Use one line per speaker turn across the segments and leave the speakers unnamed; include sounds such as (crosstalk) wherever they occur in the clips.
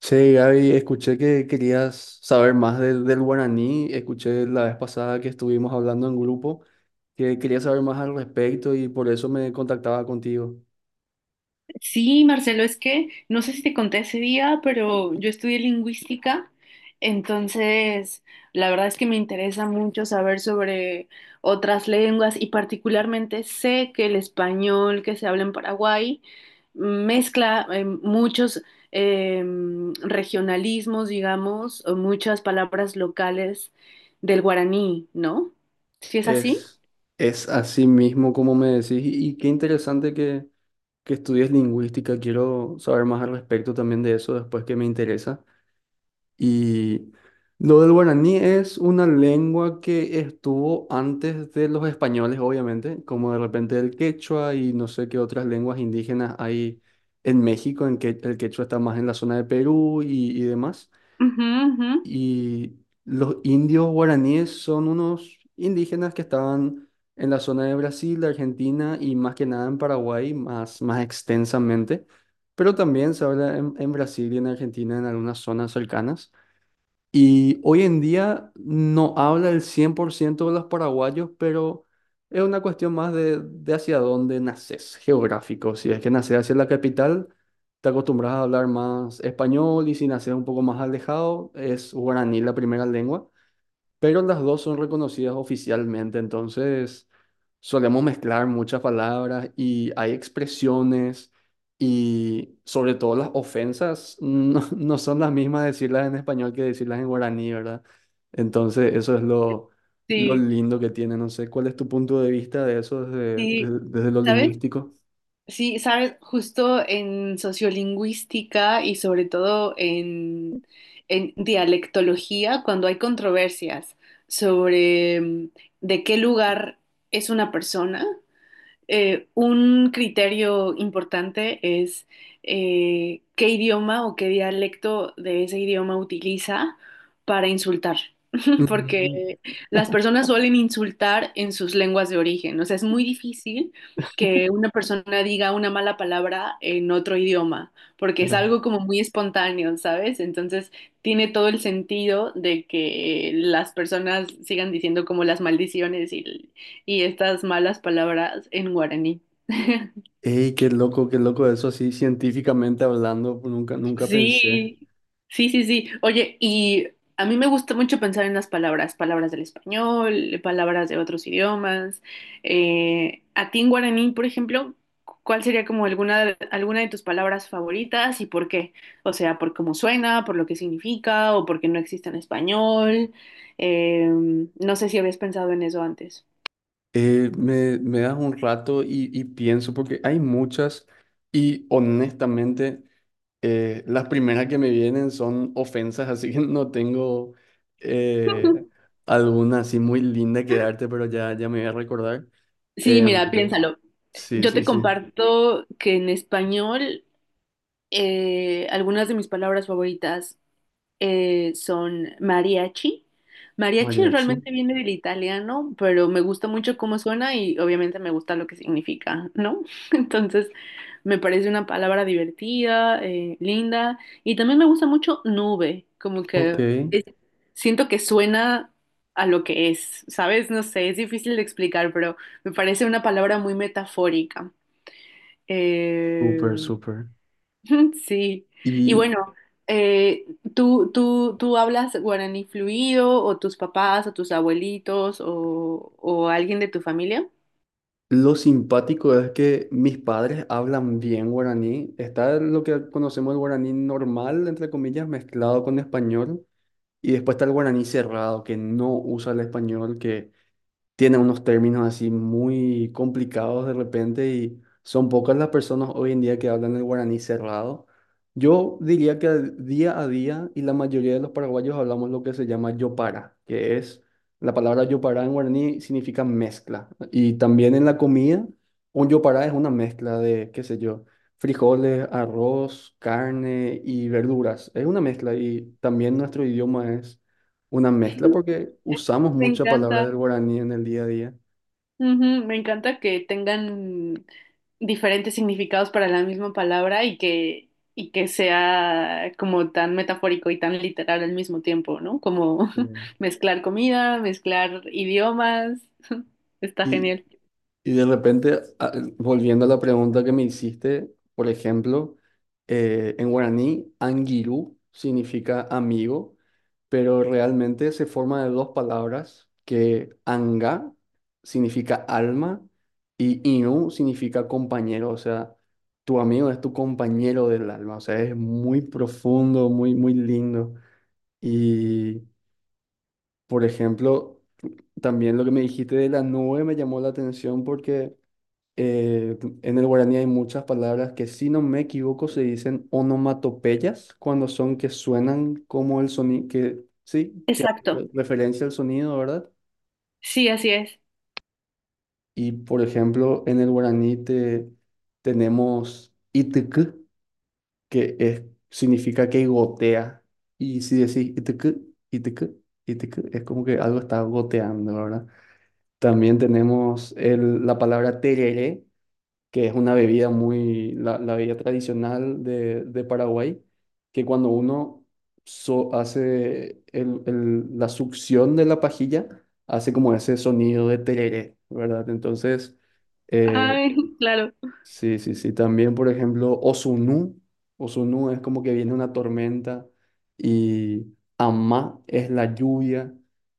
Che, Gaby, escuché que querías saber más del guaraní. Escuché la vez pasada que estuvimos hablando en grupo que querías saber más al respecto y por eso me contactaba contigo.
Sí, Marcelo, es que no sé si te conté ese día, pero yo estudié lingüística, entonces la verdad es que me interesa mucho saber sobre otras lenguas y particularmente sé que el español que se habla en Paraguay mezcla muchos eh, regionalismos, digamos, o muchas palabras locales del guaraní, ¿no? ¿Sí es así?
Es, es así mismo como me decís y qué interesante que estudies lingüística. Quiero saber más al respecto también de eso después que me interesa. Y lo del guaraní es una lengua que estuvo antes de los españoles, obviamente, como de repente el quechua y no sé qué otras lenguas indígenas hay en México, en que el quechua está más en la zona de Perú y demás.
Ujú, ujú.
Y los indios guaraníes son unos indígenas que estaban en la zona de Brasil, de Argentina y más que nada en Paraguay, más, más extensamente, pero también se habla en Brasil y en Argentina en algunas zonas cercanas. Y hoy en día no habla el 100% de los paraguayos, pero es una cuestión más de hacia dónde naces, geográfico. Si es que naces hacia la capital, te acostumbras a hablar más español y si naces un poco más alejado, es guaraní la primera lengua, pero las dos son reconocidas oficialmente, entonces solemos mezclar muchas palabras y hay expresiones y sobre todo las ofensas, no, (laughs) no son las mismas decirlas en español que decirlas en guaraní, ¿verdad? Entonces eso es lo
Sí,
lindo que tiene, no sé, ¿cuál es tu punto de vista de eso
sí.
desde lo
¿Sabes?
lingüístico?
Sí, sabes, justo en sociolingüística y sobre todo en dialectología, cuando hay controversias sobre de qué lugar es una persona, un criterio importante es qué idioma o qué dialecto de ese idioma utiliza para insultar, (laughs)
Mm,
porque las personas suelen insultar en sus lenguas de origen. O sea, es muy difícil que una persona diga una mala palabra en otro idioma, porque es
la-
algo como muy espontáneo, ¿sabes? Entonces tiene todo el sentido de que las personas sigan diciendo como las maldiciones y estas malas palabras en guaraní. (laughs)
Ey, qué loco eso, así científicamente hablando, nunca, nunca pensé.
Sí, sí, sí, sí. Oye, y a mí me gusta mucho pensar en las palabras, palabras del español, palabras de otros idiomas. A ti en guaraní, por ejemplo, ¿cuál sería como alguna, alguna de tus palabras favoritas y por qué? O sea, por cómo suena, por lo que significa o porque no existe en español. No sé si habías pensado en eso antes.
Me das un rato y pienso, porque hay muchas y honestamente las primeras que me vienen son ofensas, (laughs) así que no tengo eh,
(laughs)
alguna así muy linda que darte, pero ya, ya me voy a recordar.
Sí,
Em,
mira, piénsalo.
sí,
Yo te
sí, sí.
comparto que en español algunas de mis palabras favoritas son mariachi. Mariachi
Mariachi.
realmente viene del italiano, pero me gusta mucho cómo suena y obviamente me gusta lo que significa, ¿no? (laughs) Entonces, me parece una palabra divertida, linda, y también me gusta mucho nube, como
Ok,
que es- siento que suena a lo que es, ¿sabes? No sé, es difícil de explicar, pero me parece una palabra muy metafórica.
súper,
Eh,
súper.
(laughs) Sí, y
Y
bueno, eh, ¿Tú hablas guaraní fluido o tus papás o tus abuelitos o alguien de tu familia?
lo simpático es que mis padres hablan bien guaraní. Está lo que conocemos el guaraní normal, entre comillas, mezclado con español. Y después está el guaraní cerrado, que no usa el español, que tiene unos términos así muy complicados de repente y son pocas las personas hoy en día que hablan el guaraní cerrado. Yo diría que día a día y la mayoría de los paraguayos hablamos lo que se llama yopara, que es la palabra yopara en guaraní significa mezcla. Y también en la comida, un yopara es una mezcla de, qué sé yo, frijoles, arroz, carne y verduras. Es una mezcla y también nuestro idioma es una mezcla
(laughs)
porque usamos
Me
mucha palabra
encanta.
del guaraní en el día a día.
Ujú, me encanta que tengan diferentes significados para la misma palabra y que sea como tan metafórico y tan literal al mismo tiempo, ¿no? Como
Eh,
(laughs) mezclar comida, mezclar idiomas. (laughs) Está
Y,
genial.
y de repente, volviendo a la pregunta que me hiciste, por ejemplo, en guaraní, angiru significa amigo, pero realmente se forma de dos palabras, que anga significa alma y inu significa compañero, o sea, tu amigo es tu compañero del alma, o sea, es muy profundo, muy, muy lindo. Y por ejemplo, también lo que me dijiste de la nube me llamó la atención porque en el guaraní hay muchas palabras que, si no me equivoco, se dicen onomatopeyas cuando son que suenan como el sonido, que sí,
Exacto.
referencia al sonido, ¿verdad?
Sí, así es.
Y por ejemplo, en el guaraní tenemos itk, que es, significa que gotea. Y si decís itk, itk, itk, es como que algo está goteando, ¿verdad? También tenemos la palabra tereré, que es una bebida muy, la bebida tradicional de Paraguay, que cuando uno hace la succión de la pajilla, hace como ese sonido de tereré, ¿verdad? Entonces, eh,
Ay, (laughs) claro.
sí, sí, sí. También, por ejemplo, Osunú. Osunú es como que viene una tormenta y Amá es la lluvia.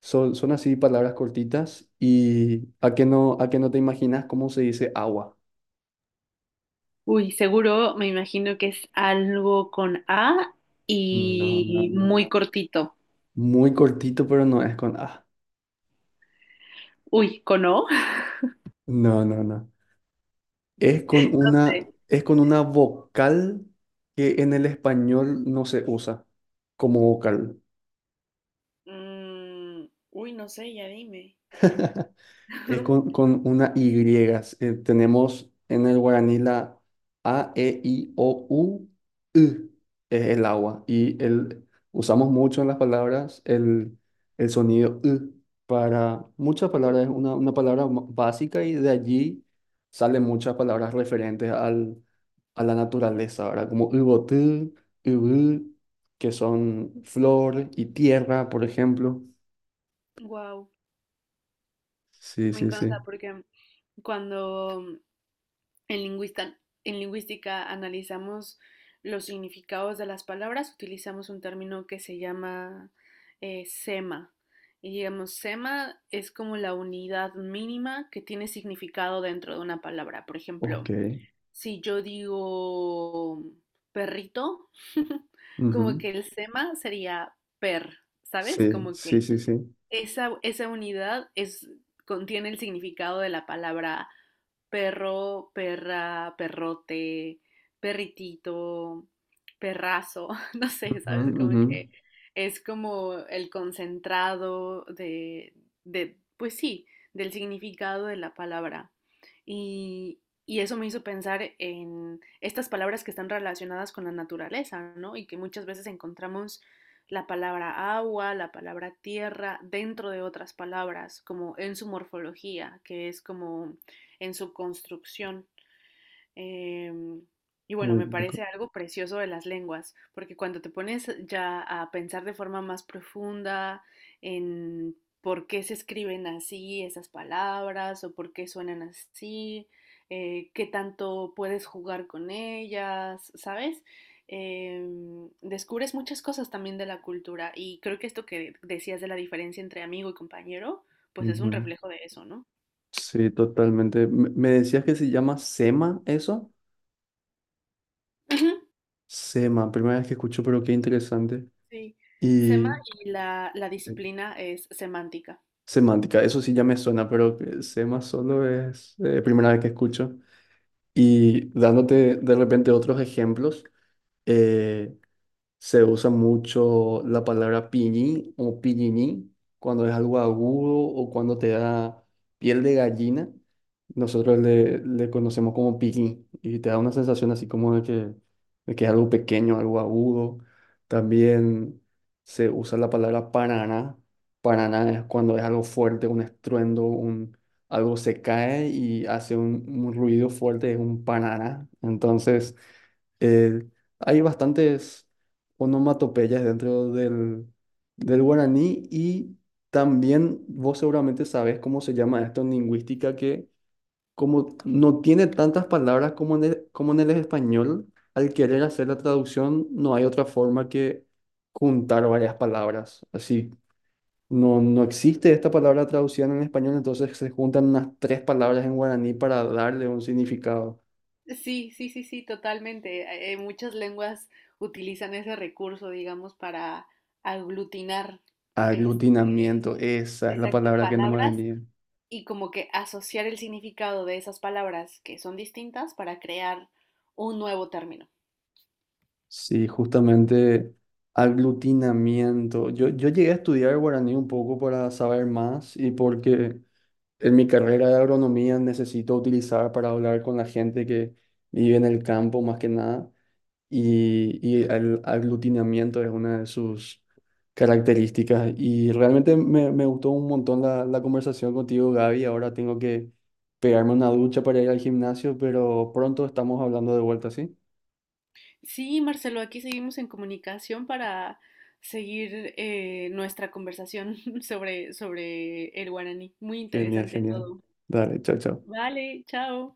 Son, son así palabras cortitas. ¿Y a qué no te imaginas cómo se dice agua?
Uy, seguro me imagino que es algo con A
No, no,
y
no.
muy cortito.
Muy cortito, pero no es con A.
Uy, ¿con O?
No, no, no. Es con una,
(laughs)
es con una vocal que en el español no se usa como vocal.
Mm, uy, no sé, ya dime.
(laughs) Es
(laughs)
con una Y. Tenemos en el guaraní la A, E, I, O, U, U. Es el agua. Usamos mucho en las palabras el sonido U para muchas palabras. Es una palabra básica y de allí salen muchas palabras referentes a la naturaleza, ¿verdad? Como Ubotú, Ubú, que son flor y tierra, por ejemplo.
Wow,
Sí,
me
sí,
encanta
sí.
porque cuando En, lingüista- en lingüística analizamos los significados de las palabras, utilizamos un término que se llama sema. Y digamos, sema es como la unidad mínima que tiene significado dentro de una palabra. Por
Ok.
ejemplo, si yo digo perrito, (laughs) como
Ujú.
que el sema sería per, ¿sabes?
Sí,
Como que
sí, sí, sí.
esa unidad es, contiene el significado de la palabra perro, perra, perrote, perritito, perrazo, (laughs) no sé,
Ujú,
¿sabes? Como
ujú.
que es como el concentrado de, pues sí, del significado de la palabra. Y, y eso me hizo pensar en estas palabras que están relacionadas con la naturaleza, ¿no? Y que muchas veces encontramos la palabra agua, la palabra tierra, dentro de otras palabras, como en su morfología, que es como en su construcción. Em, y bueno,
Muy
me
loco.
parece algo precioso de las lenguas, porque cuando te pones ya a pensar de forma más profunda en por qué se escriben así esas palabras o por qué suenan así, qué tanto puedes jugar con ellas, ¿sabes? Em, descubres muchas cosas también de la cultura y creo que esto que decías de la diferencia entre amigo y compañero, pues es un
Ujú.
reflejo de eso, ¿no?
Sí, totalmente. Me decías que se llama SEMA eso.
Ujú.
SEMA, primera vez que escucho, pero qué interesante.
Sí, sema
Y
la
sí.
disciplina es semántica.
Semántica, eso sí ya me suena, pero que SEMA solo es, primera vez que escucho. Y
Sí,
dándote de repente otros ejemplos, eh, se usa mucho la palabra pillín o pillinín cuando es algo agudo o cuando te da piel de gallina. Nosotros le conocemos como pillín y te da una sensación así como de que es algo pequeño, algo agudo. También se usa la palabra paraná. Paraná es cuando es algo fuerte, un estruendo, un, algo se cae y hace un ruido fuerte, es un paraná. Entonces… Eh, hay bastantes onomatopeyas dentro del, del guaraní y también vos seguramente sabes cómo se llama esto en lingüística, que como no tiene tantas palabras como en el español, al querer hacer la traducción no hay otra forma que juntar varias palabras. Así, no, no existe esta palabra traducida en español, entonces se juntan unas tres palabras en guaraní para darle un significado.
sí, sí, sí, sí, totalmente. Muchas lenguas utilizan ese recurso, digamos, para aglutinar, este,
Aglutinamiento, esa es la
exacto,
palabra que no me
palabras
venía.
y como que asociar el significado de esas palabras que son distintas para crear un nuevo término.
Sí, justamente aglutinamiento. Yo llegué a estudiar guaraní un poco para saber más y porque en mi carrera de agronomía necesito utilizar para hablar con la gente que vive en el campo más que nada. Y, y el aglutinamiento es una de sus características. Y realmente me gustó un montón la conversación contigo, Gaby. Ahora tengo que pegarme una ducha para ir al gimnasio, pero pronto estamos hablando de vuelta, ¿sí?
Sí, Marcelo, aquí seguimos en comunicación para seguir nuestra conversación (laughs) sobre, sobre el guaraní. Muy
Genial,
interesante
genial.
todo.
Dale, chao, chao.
Vale, chao.